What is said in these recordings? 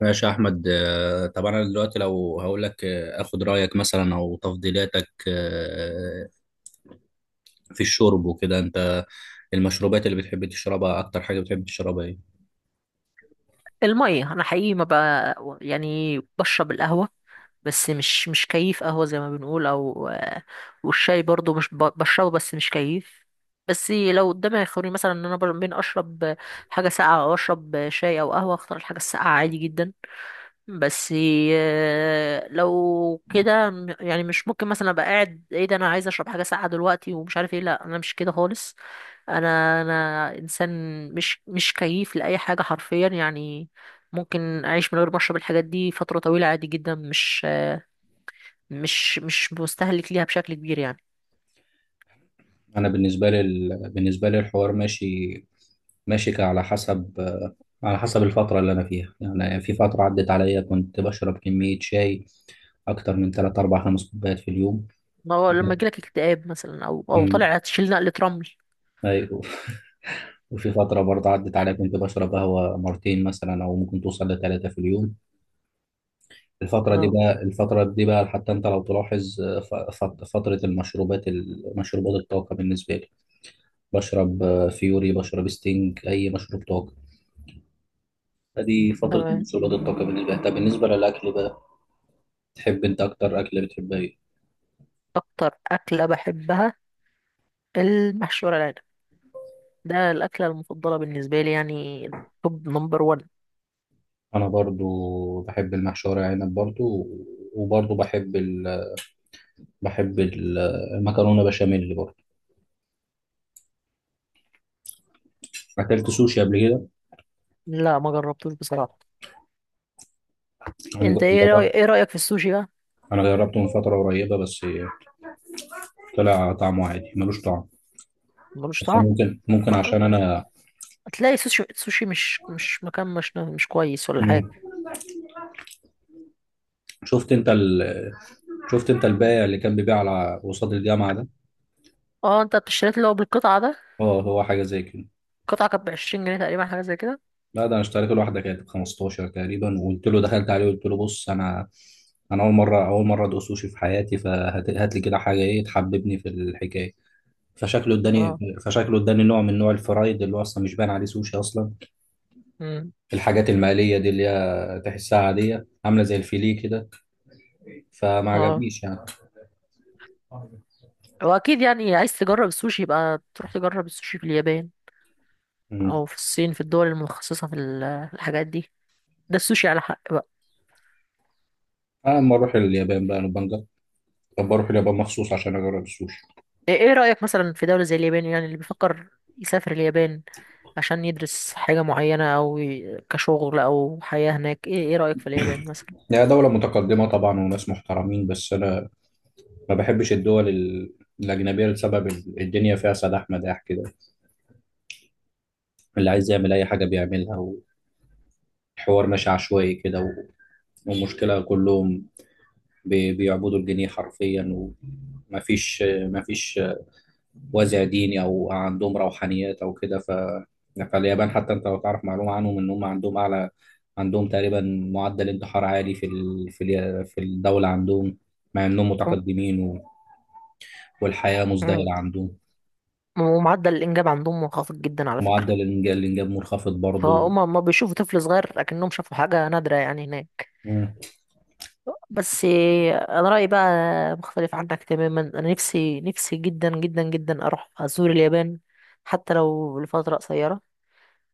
ماشي يا احمد، طب انا دلوقتي لو هقول لك، اخد رايك مثلا او تفضيلاتك، في الشرب وكده. انت المشروبات اللي بتحب تشربها، اكتر حاجه بتحب تشربها ايه؟ المية. أنا حقيقي ما بقى يعني بشرب القهوة، بس مش كيف قهوة زي ما بنقول، أو والشاي برضو مش بشربه بس مش كيف. بس لو قدامي يخيروني مثلا إن أنا بين أشرب حاجة ساقعة أو أشرب شاي أو قهوة، أختار الحاجة الساقعة عادي جدا. بس لو كده يعني مش ممكن مثلا أبقى قاعد إيه ده أنا عايز أشرب حاجة ساقعة دلوقتي، ومش عارف إيه. لأ، أنا مش كده خالص. انا انسان، مش كيف لاي حاجه حرفيا يعني. ممكن اعيش من غير ما اشرب الحاجات دي فتره طويله عادي جدا، مش مستهلك ليها بشكل كبير يعني. انا بالنسبه لي الحوار ماشي على حسب على حسب الفتره اللي انا فيها. يعني في فتره عدت عليا كنت بشرب كميه شاي اكتر من 3 4 5 كوبايات في اليوم. ما هو لما يجيلك اكتئاب مثلا، او مم. طالع تشيل نقله رمل. ايوه. وفي فترة برضه عدت عليا كنت بشرب قهوة مرتين مثلا أو ممكن توصل لثلاثة في اليوم. الفترة دي اه، بقى الفترة دي بقى حتى أنت لو تلاحظ ، فترة مشروبات الطاقة بالنسبة لي. بشرب، فيوري، بشرب ستينج، أي مشروب طاقة. فدي فترة تمام. مشروبات الطاقة بالنسبة لي. طب بالنسبة للأكل بقى، تحب أنت أكتر أكلة بتحبها إيه؟ اكتر اكله بحبها المحشي ورق العنب. ده الاكله المفضله بالنسبه لي يعني، توب نمبر 1. أنا برضو بحب المحشي ورق عنب برضو، وبرضو بحب المكرونة بشاميل برضو. أكلت سوشي قبل كده؟ لا، ما جربتوش بصراحه. أنا انت جربت ايه رايك في السوشي بقى؟ انا جربته من فتره قريبه بس. طلع طعمه عادي، ملوش طعم. ملوش بس طعم. ممكن عشان انا تلاقي سوشي سوشي مش مكان، مش كويس ولا حاجة. مم. شفت انت ال... شفت انت البائع اللي كان بيبيع على قصاد الجامعه ده؟ اه، انت اشتريت اللي هو بالقطعة ده. اه، هو حاجه زي كده. القطعة كانت بعشرين جنيه تقريبا، حاجة زي كده. لا، ده انا اشتريته لوحده، كانت ب 15 تقريبا. وقلت له دخلت عليه قلت له بص، انا اول مره ادوق سوشي في حياتي، فهات هات لي كده حاجه ايه تحببني في الحكايه. فشكله اداني اه. فشكله اداني نوع من نوع الفرايد اللي هو اصلا مش باين عليه سوشي اصلا. امم الحاجات المقليه دي اللي هي تحسها عاديه، عامله زي الفيليه كده. فما اه. عجبنيش يعني. واكيد يعني عايز تجرب السوشي يبقى تروح تجرب السوشي في اليابان، مم. او في الصين، في الدول المتخصصة في الحاجات دي. ده السوشي على حق بقى. اما اروح اليابان بقى نبقى نجرب. طب اروح اليابان مخصوص عشان اجرب السوشي. إيه رأيك مثلا في دولة زي اليابان؟ يعني اللي بيفكر يسافر اليابان عشان يدرس حاجة معينة او كشغل او حياة هناك، ايه رأيك في اليابان مثلا؟ هي دولة متقدمة طبعا، وناس محترمين، بس انا ما بحبش الدول الاجنبية لسبب الدنيا فيها سداح مداح كده. اللي عايز يعمل اي حاجة بيعملها، والحوار ماشي عشوائي كده، والمشكلة كلهم بيعبدوا الجنيه حرفيا. ومفيش وازع ديني او عندهم روحانيات او كده. فاليابان حتى انت لو تعرف معلومه عنهم ان هم عندهم اعلى، عندهم تقريبا معدل انتحار عالي في الدوله عندهم، مع انهم وم- متقدمين والحياه وم- مزدهره عندهم. ومعدل الانجاب عندهم منخفض جدا على فكرة. ومعدل الانجاب منخفض برضه. فهم ما بيشوفوا طفل صغير، لكنهم شافوا حاجة نادرة يعني هناك. مم. بس انا رأيي بقى مختلف عنك تماما. انا نفسي نفسي جدا جدا جدا اروح ازور اليابان، حتى لو لفترة قصيرة،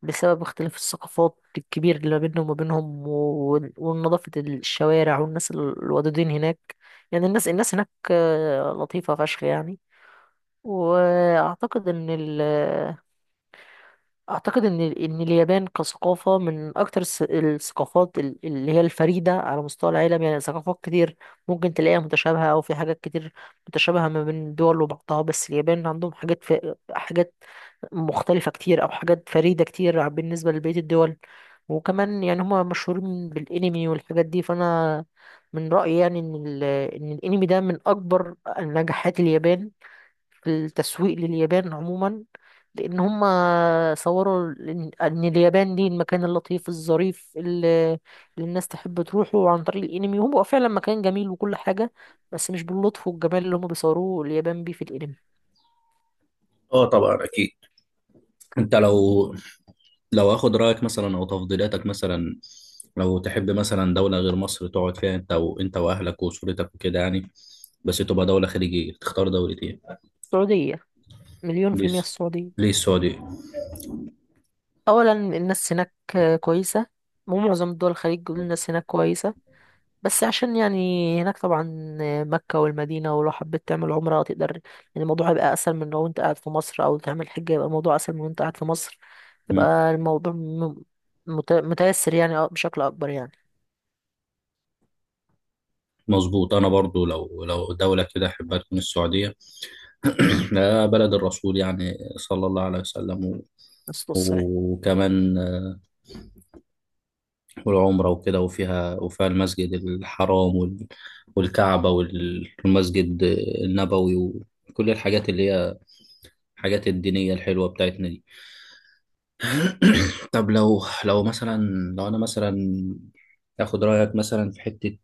بسبب اختلاف الثقافات الكبير اللي ما بينهم وما بينهم ونظافة الشوارع والناس الودودين هناك. يعني الناس هناك لطيفة فشخ يعني. واعتقد ان ال اعتقد ان ان اليابان كثقافه من اكتر الثقافات اللي هي الفريده على مستوى العالم. يعني ثقافات كتير ممكن تلاقيها متشابهه، او في حاجات كتير متشابهه ما بين دول وبعضها، بس اليابان عندهم حاجات، في حاجات مختلفه كتير او حاجات فريده كتير بالنسبه لبقيه الدول. وكمان يعني هما مشهورين بالانمي والحاجات دي، فانا من رايي يعني ان الانمي ده من اكبر نجاحات اليابان في التسويق لليابان عموما. لأن هم صوروا إن اليابان دي المكان اللطيف الظريف اللي الناس تحب تروحه عن طريق الأنمي، وهو فعلا مكان جميل وكل حاجة، بس مش باللطف والجمال اللي هم بيصوروه اليابان بيه في الأنمي. اه طبعا، اكيد. انت لو اخد رايك مثلا او تفضيلاتك مثلا، لو تحب مثلا دوله غير مصر تقعد فيها انت واهلك واسرتك وكده يعني، بس تبقى دوله خليجيه، تختار دوله ايه؟ السعودية. مليون في المية ليس السعودية. ليه السعودية؟ أولا، الناس هناك كويسة، ومعظم دول الخليج بيقولوا الناس هناك كويسة. بس عشان يعني هناك طبعا مكة والمدينة، ولو حبيت تعمل عمرة تقدر يعني الموضوع هيبقى أسهل من لو أنت قاعد في مصر، أو تعمل حجة يبقى الموضوع أسهل من وأنت قاعد في مصر. مم. يبقى الموضوع متيسر يعني، بشكل أكبر يعني. مظبوط. أنا برضو لو دولة كده أحبها تكون السعودية. بلد الرسول يعني صلى الله عليه وسلم الصلاة والسلام. وكمان، والعمرة وكده، وفيها المسجد الحرام والكعبة والمسجد النبوي، وكل الحاجات اللي هي الحاجات الدينية الحلوة بتاعتنا دي. طب لو مثلا، لو أنا مثلا آخد رأيك مثلا في حتة،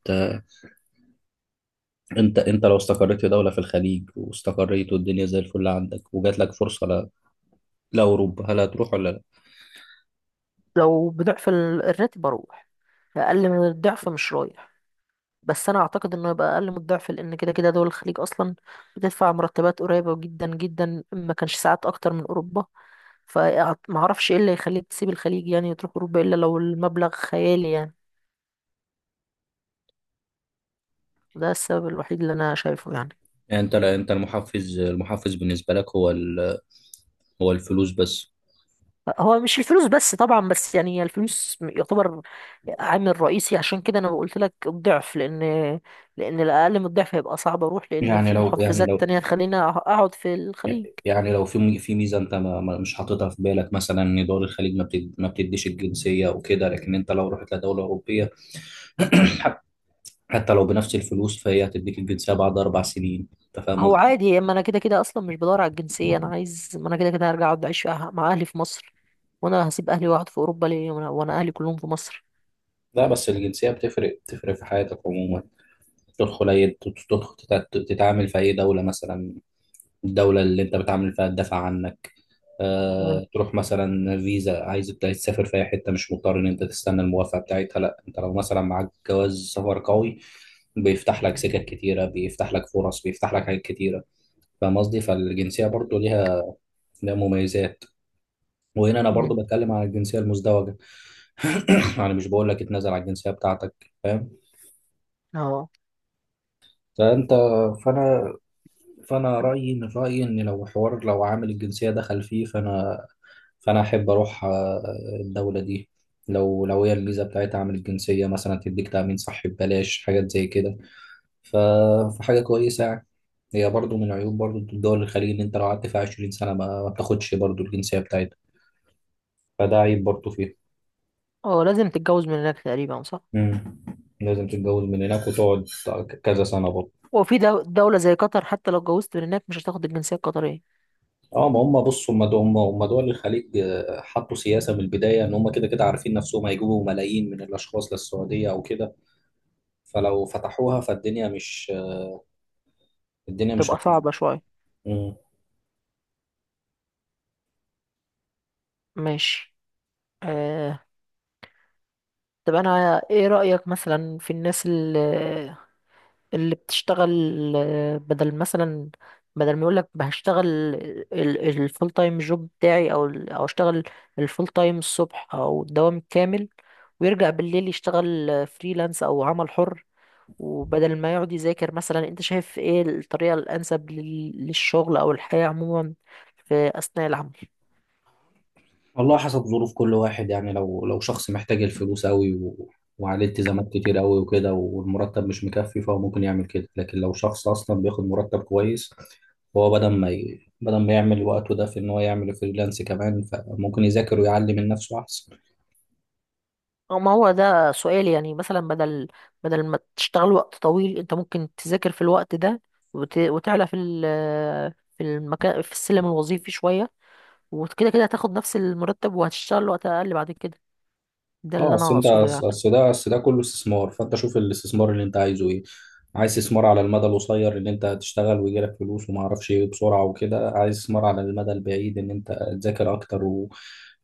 انت لو استقريت في دولة في الخليج واستقريت والدنيا زي الفل عندك وجات لك فرصة لأوروبا، هل هتروح ولا لا؟ لو بضعف الراتب أروح. أقل من الضعف مش رايح. بس أنا أعتقد إنه يبقى أقل من الضعف، لأن كده كده دول الخليج أصلا بتدفع مرتبات قريبة جدا جدا، ما كانش ساعات أكتر من أوروبا. فمعرفش ايه اللي يخليك تسيب الخليج يعني وتروح اوروبا الا لو المبلغ خيالي يعني. ده السبب الوحيد اللي انا شايفه يعني. يعني انت، لا، انت المحفز بالنسبة لك هو الفلوس بس؟ هو مش الفلوس بس طبعا، بس يعني الفلوس يعتبر عامل رئيسي، عشان كده انا قلت لك الضعف، لان الاقل من الضعف هيبقى صعب اروح، لان يعني في لو يعني محفزات لو تانية تخليني اقعد في الخليج. يعني لو في ميزة انت مش حاططها في بالك، مثلا ان دول الخليج ما بتديش الجنسية وكده، لكن انت لو رحت لدولة أوروبية حت- حتى لو بنفس الفلوس فهي هتديك الجنسية بعد 4 سنين، انت فاهم هو قصدي؟ عادي، اما انا كده كده اصلا مش بدور على الجنسيه. انا عايز، ما انا كده كده هرجع اقعد اعيش مع اهلي في مصر. وانا هسيب اهلي واقعد في اوروبا ليه وأنا اهلي كلهم في مصر؟ لا، بس الجنسية بتفرق في حياتك عموما. تدخل أي تدخل تتعامل في أي دولة مثلا، الدولة اللي أنت بتعامل فيها تدافع عنك. مم. أه، تروح مثلا فيزا، عايز تسافر في أي حتة، مش مضطر إن أنت تستنى الموافقة بتاعتها. لا، أنت لو مثلا معاك جواز سفر قوي، بيفتح لك سكك كتيرة، بيفتح لك فرص، بيفتح لك حاجات كتيرة. فاهم قصدي؟ فالجنسية برضو ليها مميزات. وهنا أنا برضو مم. بتكلم عن الجنسية المزدوجة. يعني مش بقول لك اتنازل على الجنسية بتاعتك، فاهم. اه. فأنت فأنا فانا رايي ان لو عامل الجنسيه دخل فيه، فانا احب اروح الدوله دي لو هي الفيزا بتاعتها، عامل الجنسيه مثلا تديك تامين صحي ببلاش، حاجات زي كده، ف- فحاجه كويسه يعني. هي برضو من عيوب برضو الدول الخليج ان انت لو قعدت فيها 20 سنه ما بتاخدش برضو الجنسيه بتاعتها، فده عيب برضو فيها. اه، لازم تتجوز من هناك تقريبا، صح؟ مم. لازم تتجوز من هناك وتقعد كذا سنه برضو. وفي دولة زي قطر، حتى لو اتجوزت من هناك مش هتاخد الجنسية القطرية. اه. ما هم بص هم دول الخليج، حطوا سياسه من البدايه ان هم كده كده عارفين نفسهم هيجيبوا ملايين من الاشخاص للسعوديه او كده، فلو فتحوها فالدنيا مش تبقى هتظبط. صعبة شوية. مم. ماشي. آه. طب انا ايه رأيك مثلا في الناس اللي بتشتغل، آه، بدل مثلا بدل ما يقولك هشتغل الفول تايم جوب بتاعي، او او اشتغل الفول تايم الصبح او الدوام الكامل، ويرجع بالليل يشتغل فريلانس او عمل حر، وبدل ما يقعد يذاكر مثلا، انت شايف ايه الطريقة الانسب للشغل او الحياة عموما في اثناء العمل؟ والله حسب ظروف كل واحد يعني، لو شخص محتاج الفلوس قوي، وعليه التزامات كتير قوي وكده والمرتب مش مكفي، فهو ممكن يعمل كده. لكن لو شخص اصلا بياخد مرتب كويس، هو بدل ما يعمل وقته ده في ان هو يعمل فريلانس كمان، فممكن يذاكر ويعلي من نفسه احسن. أو ما هو ده سؤال يعني، مثلا بدل ما تشتغل وقت طويل، انت ممكن تذاكر في الوقت ده، وتعلى في المكان في السلم الوظيفي شوية، وكده كده هتاخد نفس المرتب وهتشتغل وقت اقل بعد كده. ده اه. اللي اصل انا انت اقصده يعني. اصل ده اصل ده كله استثمار، فانت شوف الاستثمار اللي انت عايزه ايه. عايز استثمار على المدى القصير ان انت تشتغل ويجي لك فلوس وما اعرفش ايه بسرعه وكده؟ عايز استثمار على المدى البعيد ان انت تذاكر اكتر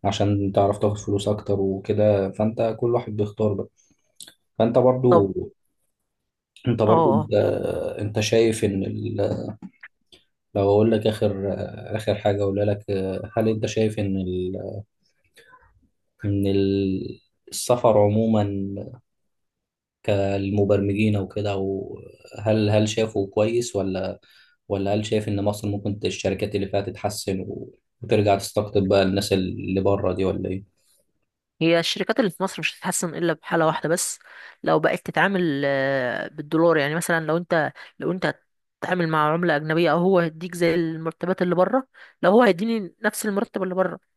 وعشان تعرف تاخد فلوس اكتر وكده؟ فانت كل واحد بيختار بقى. فانت برضو طب. انت اه. برضو آه. انت, انت شايف ان ال... لو اقول لك اخر حاجه اقولها لك، هل انت شايف ان السفر عموما كالمبرمجين او كده، وهل هل هل شافوا كويس ولا هل شايف ان مصر ممكن الشركات اللي فيها تتحسن وترجع تستقطب بقى الناس اللي بره دي، ولا ايه؟ هي الشركات اللي في مصر مش هتتحسن الا بحاله واحده بس، لو بقت تتعامل بالدولار، يعني مثلا لو انت هتتعامل مع عمله اجنبيه، او هو هيديك زي المرتبات اللي بره. لو هو هيديني نفس المرتب اللي بره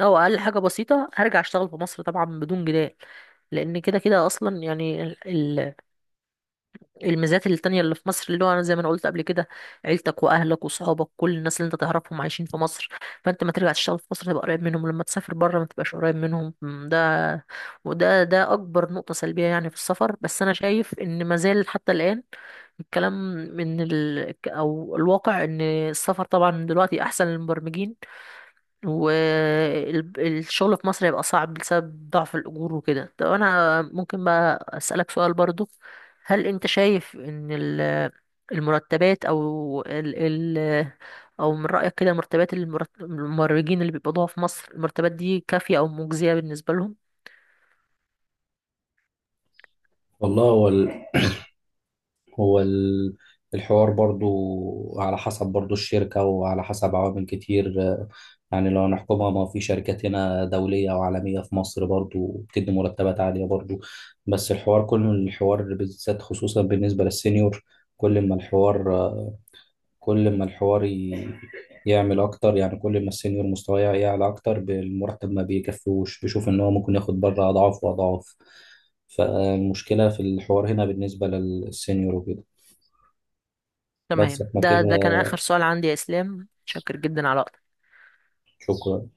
او اقل حاجه بسيطه هرجع اشتغل في مصر طبعا بدون جدال، لان كده كده اصلا يعني الميزات التانية اللي في مصر، اللي هو أنا زي ما أنا قلت قبل كده، عيلتك وأهلك وصحابك كل الناس اللي أنت تعرفهم عايشين في مصر. فأنت ما ترجع تشتغل في مصر تبقى قريب منهم، لما تسافر بره ما تبقاش قريب منهم، م، ده وده ده أكبر نقطة سلبية يعني في السفر. بس أنا شايف إن ما زال حتى الآن الكلام من ال... أو الواقع إن السفر طبعا دلوقتي أحسن للمبرمجين، والشغل في مصر هيبقى صعب بسبب ضعف الأجور وكده. طب أنا ممكن بقى أسألك سؤال برضو؟ هل أنت شايف المرتبات أو ال ال أو من رأيك كده مرتبات الممرجين اللي بيقبضوها في مصر، المرتبات دي كافية أو مجزية بالنسبة لهم؟ والله هو ال- الحوار برضو على حسب، برضو الشركة وعلى حسب عوامل كتير، يعني لو نحكمها، ما في شركات هنا دولية وعالمية في مصر برضو بتدي مرتبات عالية برضو، بس الحوار، كل الحوار، بالذات خصوصا بالنسبة للسينيور، كل ما الحوار كل ما الحوار يعمل اكتر، يعني كل ما السينيور مستواه يعلى اكتر بالمرتب، ما بيكفوش، بيشوف ان هو ممكن ياخد بره اضعاف واضعاف. فالمشكله في الحوار هنا بالنسبه للسينيور وكده. بس تمام، احنا ده كده. ده كان آخر سؤال عندي يا إسلام، شكر جدا على وقتك. شكرا.